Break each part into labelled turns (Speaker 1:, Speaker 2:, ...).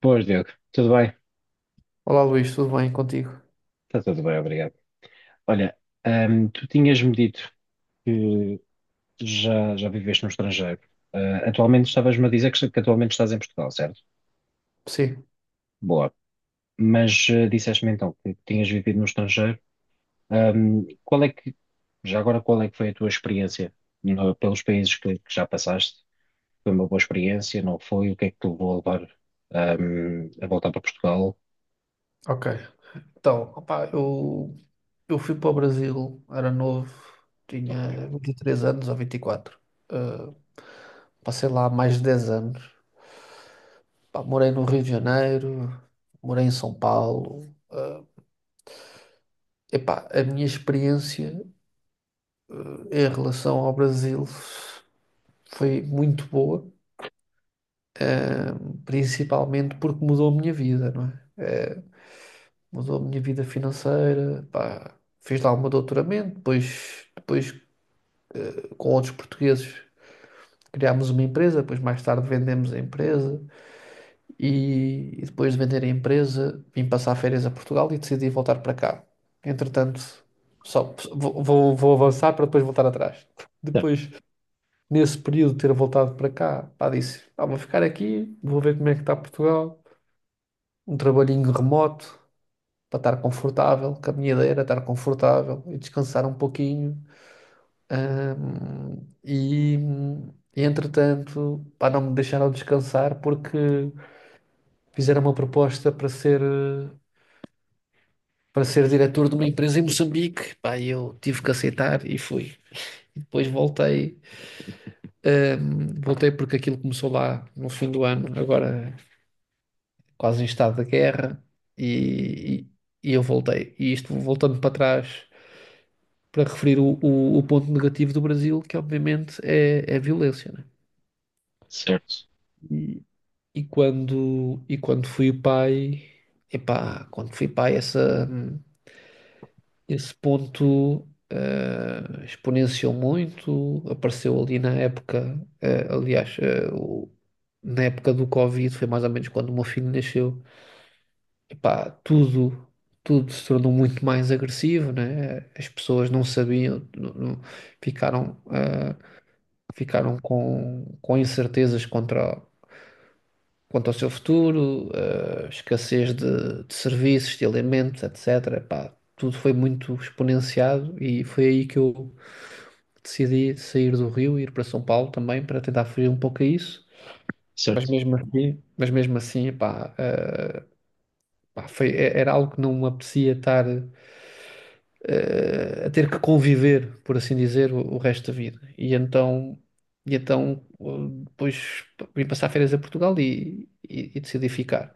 Speaker 1: Boas, Diogo. Tudo bem?
Speaker 2: Olá Luís, tudo bem contigo?
Speaker 1: Está tudo bem, obrigado. Olha, tu tinhas-me dito que já viveste no estrangeiro. Atualmente estavas-me a dizer que atualmente estás em Portugal, certo?
Speaker 2: Sim,
Speaker 1: Boa. Mas disseste-me então que tinhas vivido no estrangeiro. Ahm, qual é que, Já agora, qual é que foi a tua experiência pelos países que já passaste? Foi uma boa experiência? Não foi? O que é que te levou a a voltar para Portugal?
Speaker 2: ok. Então, opá, eu fui para o Brasil, era novo,
Speaker 1: Ok.
Speaker 2: tinha 23 anos ou 24. Uh, Passei lá mais de 10 anos. Pá, morei no Rio de Janeiro, morei em São Paulo. Uh, epá, a minha experiência em relação ao Brasil foi muito boa, principalmente porque mudou a minha vida, não é? Mudou a minha vida financeira, pá, fiz lá o meu doutoramento, depois com outros portugueses criámos uma empresa, depois mais tarde vendemos a empresa e depois de vender a empresa vim passar férias a Portugal e decidi voltar para cá. Entretanto, só vou avançar para depois voltar atrás. Depois, nesse período de ter voltado para cá, pá, disse, "Ah, vou ficar aqui, vou ver como é que está Portugal, um trabalhinho remoto para estar confortável, com a minha ideia era estar confortável e descansar um pouquinho. Ahm, e, e, entretanto, pá, não me deixaram descansar porque fizeram uma proposta para ser, para ser diretor de uma empresa em Moçambique. Pá, e eu tive que aceitar e fui. E depois voltei, voltei porque aquilo começou lá no fim do ano, agora quase em estado de guerra, e, e eu voltei. E isto voltando para trás para referir o ponto negativo do Brasil, que obviamente é a violência, né?
Speaker 1: Certo,
Speaker 2: E e quando fui pai, epá, quando fui pai, essa, esse ponto exponenciou muito. Apareceu ali na época, aliás, na época do Covid, foi mais ou menos quando o meu filho nasceu. Epá, tudo se tornou muito mais agressivo, né? As pessoas não sabiam, não- não- ficaram, ficaram com incertezas quanto ao seu futuro, escassez de serviços, de alimentos, etc. Pá, tudo foi muito exponenciado e foi aí que eu decidi sair do Rio e ir para São Paulo também para tentar fugir um pouco a isso. Mas
Speaker 1: certo.
Speaker 2: mesmo assim, mas mesmo assim, pá, era algo que não me apetecia estar a ter que conviver, por assim dizer, o resto da vida. Depois vim passar férias a Portugal e e decidi ficar.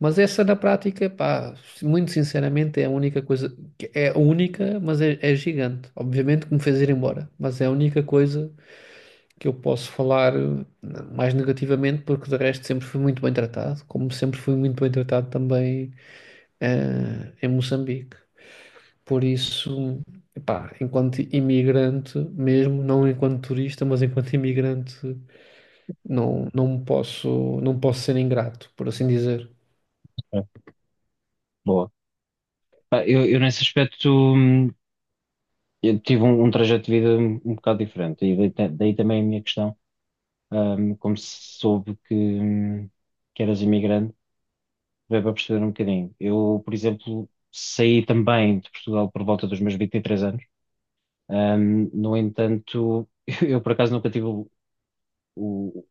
Speaker 2: Mas essa na prática, pá, muito sinceramente é a única coisa, é a única, mas é gigante. Obviamente que me fez ir embora, mas é a única coisa que eu posso falar mais negativamente, porque de resto sempre fui muito bem tratado, como sempre fui muito bem tratado também em Moçambique. Por isso, pá, enquanto imigrante mesmo, não enquanto turista, mas enquanto imigrante, não posso, não posso ser ingrato, por assim dizer.
Speaker 1: Ok, boa. Pá, eu nesse aspecto hum, eu tive um trajeto de vida um bocado diferente, e daí, daí também a minha questão. Como se soube que eras imigrante, veio para perceber um bocadinho. Eu, por exemplo, saí também de Portugal por volta dos meus 23 anos. No entanto, eu por acaso nunca tive o,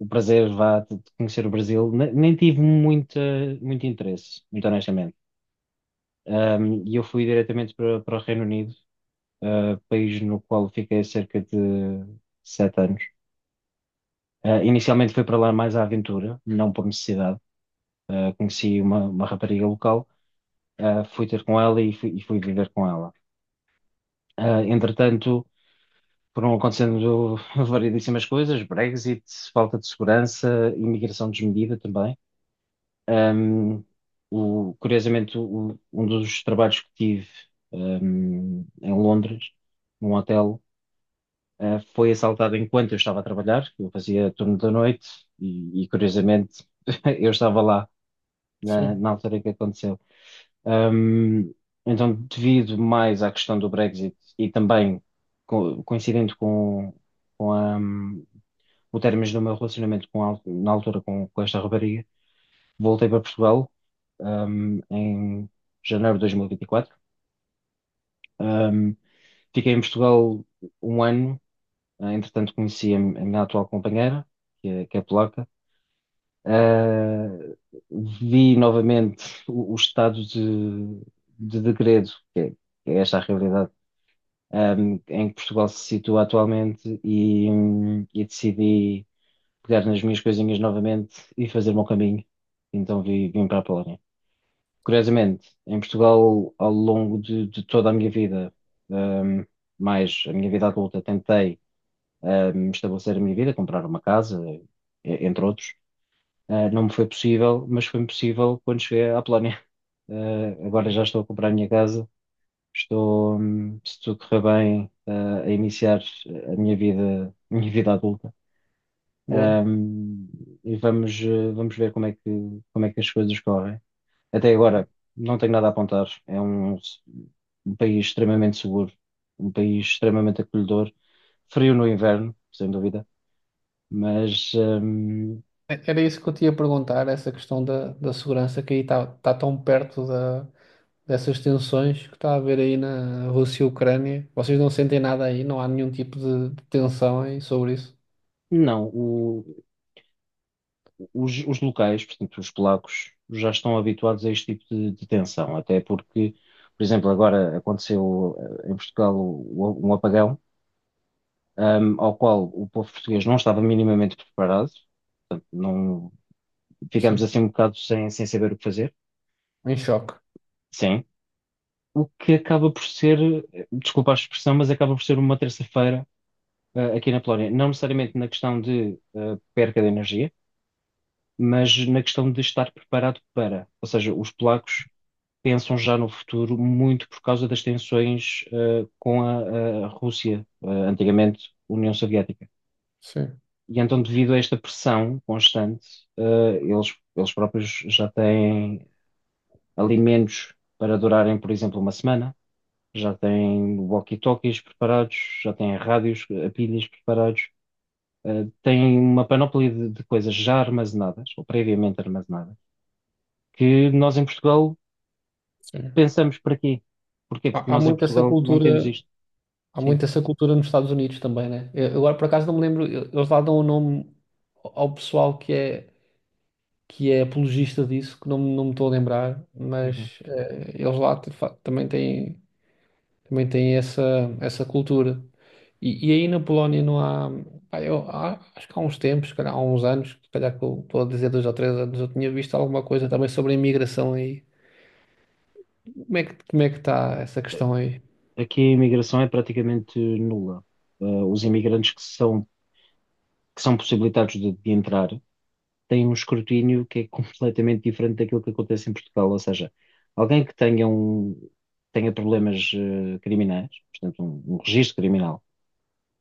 Speaker 1: o prazer, vá, de conhecer o Brasil, nem tive muito interesse, muito honestamente. E eu fui diretamente para o Reino Unido, país no qual fiquei cerca de sete anos. Inicialmente fui para lá mais à aventura, não por necessidade. Conheci uma rapariga local. Fui ter com ela e fui viver com ela. Entretanto, foram acontecendo variedíssimas coisas, Brexit, falta de segurança, imigração desmedida também. Ahm, Curiosamente, um dos trabalhos que tive, em Londres, num hotel, foi assaltado enquanto eu estava a trabalhar, eu fazia turno da noite e, curiosamente, eu estava lá
Speaker 2: Sim,
Speaker 1: na altura em que aconteceu. Ahm, então, devido mais à questão do Brexit e também coincidente com o término do meu relacionamento com na altura com esta rapariga, voltei para Portugal, em janeiro de 2024. Ahm, Fiquei em Portugal um ano. Entretanto, conheci a minha atual companheira, que é polaca. Ah, Vi novamente o estado de degredo, que é esta a realidade, em que Portugal se situa atualmente e decidi pegar nas minhas coisinhas novamente e fazer o meu caminho. Então vim para a Polónia. Curiosamente, em Portugal, ao longo de toda a minha vida, ahm, mais a minha vida adulta, tentei estabelecer a minha vida, comprar uma casa, entre outros. Não me foi possível, mas foi-me possível quando cheguei à Polónia. Agora já estou a comprar a minha casa, estou, se tudo correr bem, a iniciar a minha vida adulta.
Speaker 2: boa.
Speaker 1: Um, e vamos, vamos ver como é que as coisas correm. Até agora, não tenho nada a apontar. É um país extremamente seguro, um país extremamente acolhedor, frio no inverno, sem dúvida, mas
Speaker 2: Era isso que eu te ia perguntar, essa questão da segurança que aí está tá tá tão perto dessas tensões que está a haver aí na Rússia e Ucrânia. Vocês não sentem nada aí, não há nenhum tipo de tensão aí sobre isso?
Speaker 1: não. Os os, locais, portanto, os polacos, já estão habituados a este tipo de tensão, até porque, por exemplo, agora aconteceu, em Portugal, um apagão, ao qual o povo português não estava minimamente preparado, não, ficamos
Speaker 2: Sim,
Speaker 1: assim um bocado sem saber o que fazer,
Speaker 2: em choque.
Speaker 1: sim, o que acaba por ser, desculpa a expressão, mas acaba por ser uma terça-feira. Aqui na Polónia, não necessariamente na questão de perca de energia, mas na questão de estar preparado para. Ou seja, os polacos pensam já no futuro muito por causa das tensões com a Rússia, antigamente União Soviética.
Speaker 2: Sim,
Speaker 1: E então, devido a esta pressão constante, eles próprios já têm alimentos para durarem, por exemplo, uma semana, já têm walkie-talkies preparados, já têm rádios a pilhas preparados. Têm uma panóplia de coisas já armazenadas, ou previamente armazenadas, que nós em Portugal
Speaker 2: sim.
Speaker 1: pensamos para quê? Porquê? Porque
Speaker 2: Há
Speaker 1: nós em
Speaker 2: muito essa
Speaker 1: Portugal não temos
Speaker 2: cultura,
Speaker 1: isto.
Speaker 2: há
Speaker 1: Sim.
Speaker 2: muito essa cultura nos Estados Unidos também, né? Eu agora por acaso não me lembro, eles lá dão o nome ao pessoal que é apologista disso, que não, não me estou a lembrar,
Speaker 1: Uhum.
Speaker 2: mas eles lá também têm. Também tem essa, essa cultura. E aí na Polónia não há, pá, eu, acho que há uns tempos, se calhar há uns anos, se calhar que eu estou a dizer 2 ou 3 anos, eu tinha visto alguma coisa também sobre a imigração aí. Como é que está essa questão aí?
Speaker 1: Aqui a imigração é praticamente nula. Os imigrantes que são possibilitados de entrar têm um escrutínio que é completamente diferente daquilo que acontece em Portugal. Ou seja, alguém que tenha problemas criminais, portanto, um registro criminal,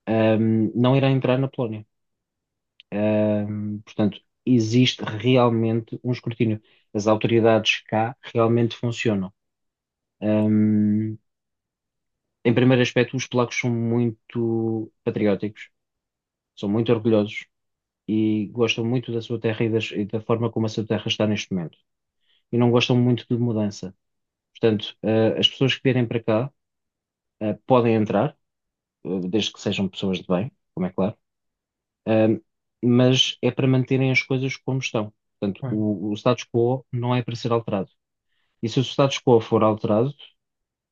Speaker 1: não irá entrar na Polónia. Portanto, existe realmente um escrutínio. As autoridades cá realmente funcionam. Ahm, Em primeiro aspecto, os polacos são muito patrióticos, são muito orgulhosos e gostam muito da sua terra e, e da forma como a sua terra está neste momento. E não gostam muito de mudança. Portanto, as pessoas que vierem para cá, podem entrar, desde que sejam pessoas de bem, como é claro. Ahm, mas é para manterem as coisas como estão. Portanto,
Speaker 2: Ah,
Speaker 1: o status quo não é para ser alterado. E se o status quo for alterado,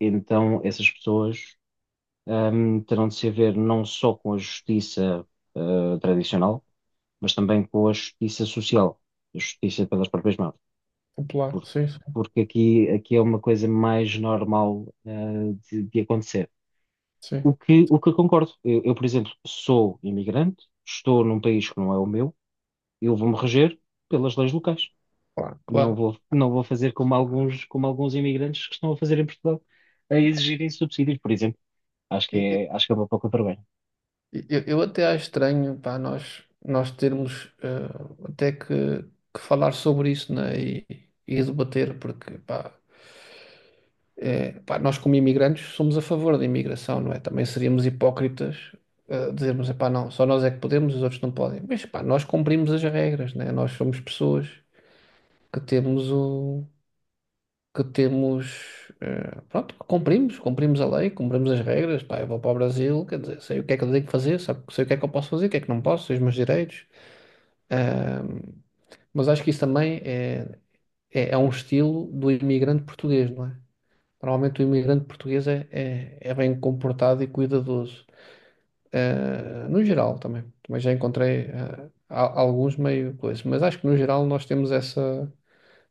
Speaker 1: então essas pessoas, terão de se haver não só com a justiça tradicional, mas também com a justiça social, a justiça pelas próprias mãos.
Speaker 2: popular,
Speaker 1: Por-
Speaker 2: sim, sim,
Speaker 1: Porque aqui é uma coisa mais normal de acontecer.
Speaker 2: sim.
Speaker 1: O que eu concordo. Eu, por exemplo, sou imigrante, estou num país que não é o meu, eu vou-me reger pelas leis locais.
Speaker 2: Claro, claro.
Speaker 1: Não vou fazer como alguns imigrantes que estão a fazer em Portugal, a exigirem subsídios, por exemplo.
Speaker 2: E- e-
Speaker 1: Acho que é uma pouca vergonha.
Speaker 2: eu até acho estranho, pá, nós termos até que falar sobre isso, né? E debater, porque, pá. É, pá, nós, como imigrantes, somos a favor da imigração, não é? Também seríamos hipócritas, dizermos, epá, não, só nós é que podemos, os outros não podem. Mas, pá, nós cumprimos as regras, né? Nós somos pessoas que temos o... que temos... pronto, cumprimos a lei, cumprimos as regras, pá, eu vou para o Brasil, quer dizer, sei o que é que eu tenho que fazer, sabe, sei o que é que eu posso fazer, o que é que não posso, sei os meus direitos. Ahm, mas acho que isso também é um estilo do imigrante português, não é? Normalmente o imigrante português é bem comportado e cuidadoso. No geral também. Também já encontrei alguns meio coisas. Mas acho que no geral nós temos essa,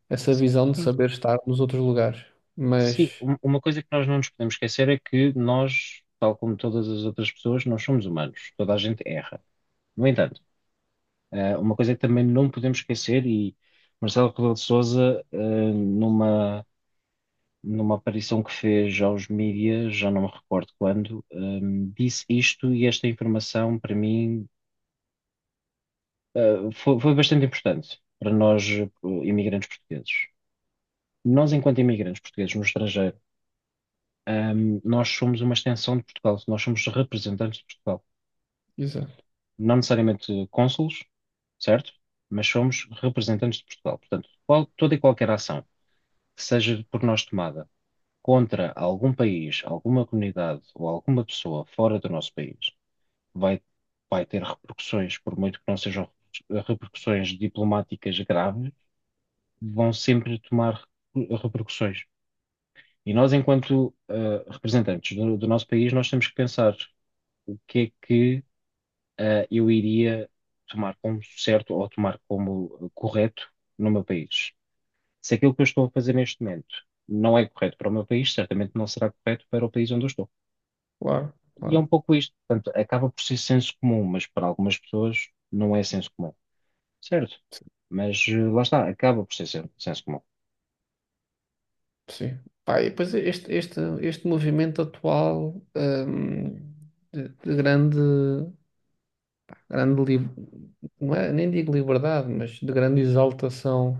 Speaker 2: essa visão de
Speaker 1: Sim,
Speaker 2: saber estar nos outros lugares.
Speaker 1: sim,
Speaker 2: Mas,
Speaker 1: uma coisa que nós não nos podemos esquecer é que nós, tal como todas as outras pessoas, nós somos humanos. Toda a gente erra. No entanto, uma coisa que também não podemos esquecer, e Marcelo Rebelo de Sousa, numa aparição que fez aos mídias, já não me recordo quando, disse isto e esta informação para mim, foi bastante importante para nós, imigrantes portugueses. Nós, enquanto imigrantes portugueses no estrangeiro, nós somos uma extensão de Portugal, nós somos representantes de Portugal.
Speaker 2: exato,
Speaker 1: Não necessariamente cônsules, certo? Mas somos representantes de Portugal. Portanto, toda e qualquer ação que seja por nós tomada contra algum país, alguma comunidade ou alguma pessoa fora do nosso país vai, vai ter repercussões, por muito que não sejam repercussões diplomáticas graves, vão sempre tomar repercussões. E nós, enquanto representantes do nosso país, nós temos que pensar o que é que eu iria tomar como certo ou tomar como correto no meu país. Se aquilo que eu estou a fazer neste momento não é correto para o meu país, certamente não será correto para o país onde eu estou.
Speaker 2: claro,
Speaker 1: E é um
Speaker 2: claro.
Speaker 1: pouco isto. Portanto, acaba por ser senso comum, mas para algumas pessoas não é senso comum. Certo? Mas lá está, acaba por ser senso comum.
Speaker 2: Sim. Pá, e depois este movimento atual de grande, grande li- não é, nem digo liberdade, mas de grande exaltação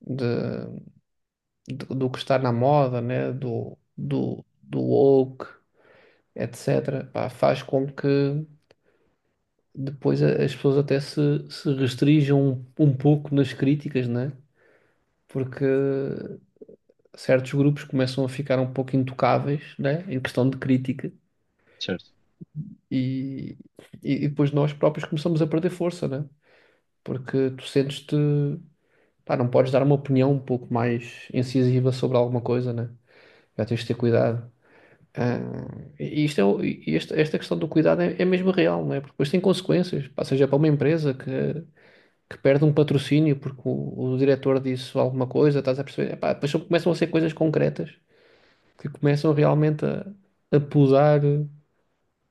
Speaker 2: de do que está na moda, né? Do woke, etc. Pá, faz com que depois as pessoas até se restringam um pouco nas críticas, né? Porque certos grupos começam a ficar um pouco intocáveis, né? Em questão de crítica
Speaker 1: Certo.
Speaker 2: e, e e depois nós próprios começamos a perder força, né? Porque tu sentes-te, pá, não podes dar uma opinião um pouco mais incisiva sobre alguma coisa, né? Já tens de ter cuidado. Ah, e e esta questão do cuidado é mesmo real, não é? Porque depois tem consequências, pá, seja para uma empresa que perde um patrocínio porque o diretor disse alguma coisa, estás a perceber? Epá, depois só começam a ser coisas concretas que começam realmente a podar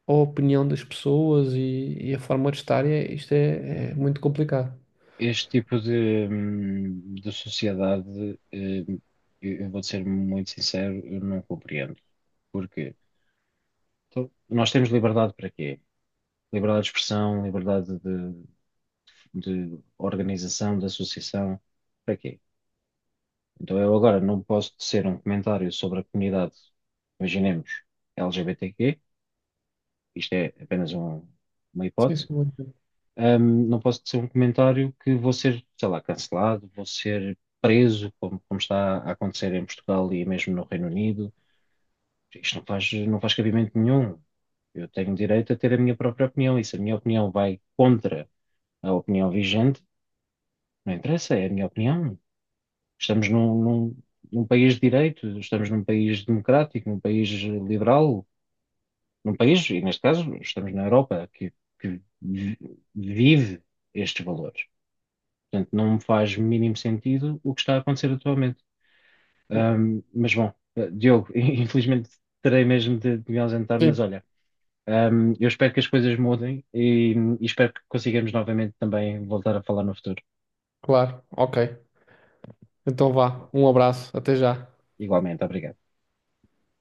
Speaker 2: a opinião das pessoas e a forma de estar, isto é muito complicado.
Speaker 1: Este tipo de sociedade, hum, eu vou ser muito sincero, eu não compreendo. Porquê? Então, nós temos liberdade para quê? Liberdade de expressão, liberdade de organização, de associação, para quê? Então eu agora não posso tecer um comentário sobre a comunidade, imaginemos, LGBTQ, isto é apenas uma
Speaker 2: Sim, sim,
Speaker 1: hipótese.
Speaker 2: muito.
Speaker 1: Não posso ser um comentário que vou ser, sei lá, cancelado, vou ser preso, como está a acontecer em Portugal e mesmo no Reino Unido. Isto não faz cabimento nenhum. Eu tenho direito a ter a minha própria opinião e se a minha opinião vai contra a opinião vigente, não interessa, é a minha opinião. Estamos num país de direito, estamos num país democrático, num país liberal, num país, e neste caso estamos na Europa, que, que vive estes valores. Portanto, não me faz mínimo sentido o que está a acontecer atualmente.
Speaker 2: Bem.
Speaker 1: Mas bom, Diogo, infelizmente terei mesmo de me ausentar, mas
Speaker 2: Sim,
Speaker 1: olha, eu espero que as coisas mudem e espero que consigamos novamente também voltar a falar no futuro.
Speaker 2: claro, ok. Então vá, um abraço, até já.
Speaker 1: Igualmente, obrigado.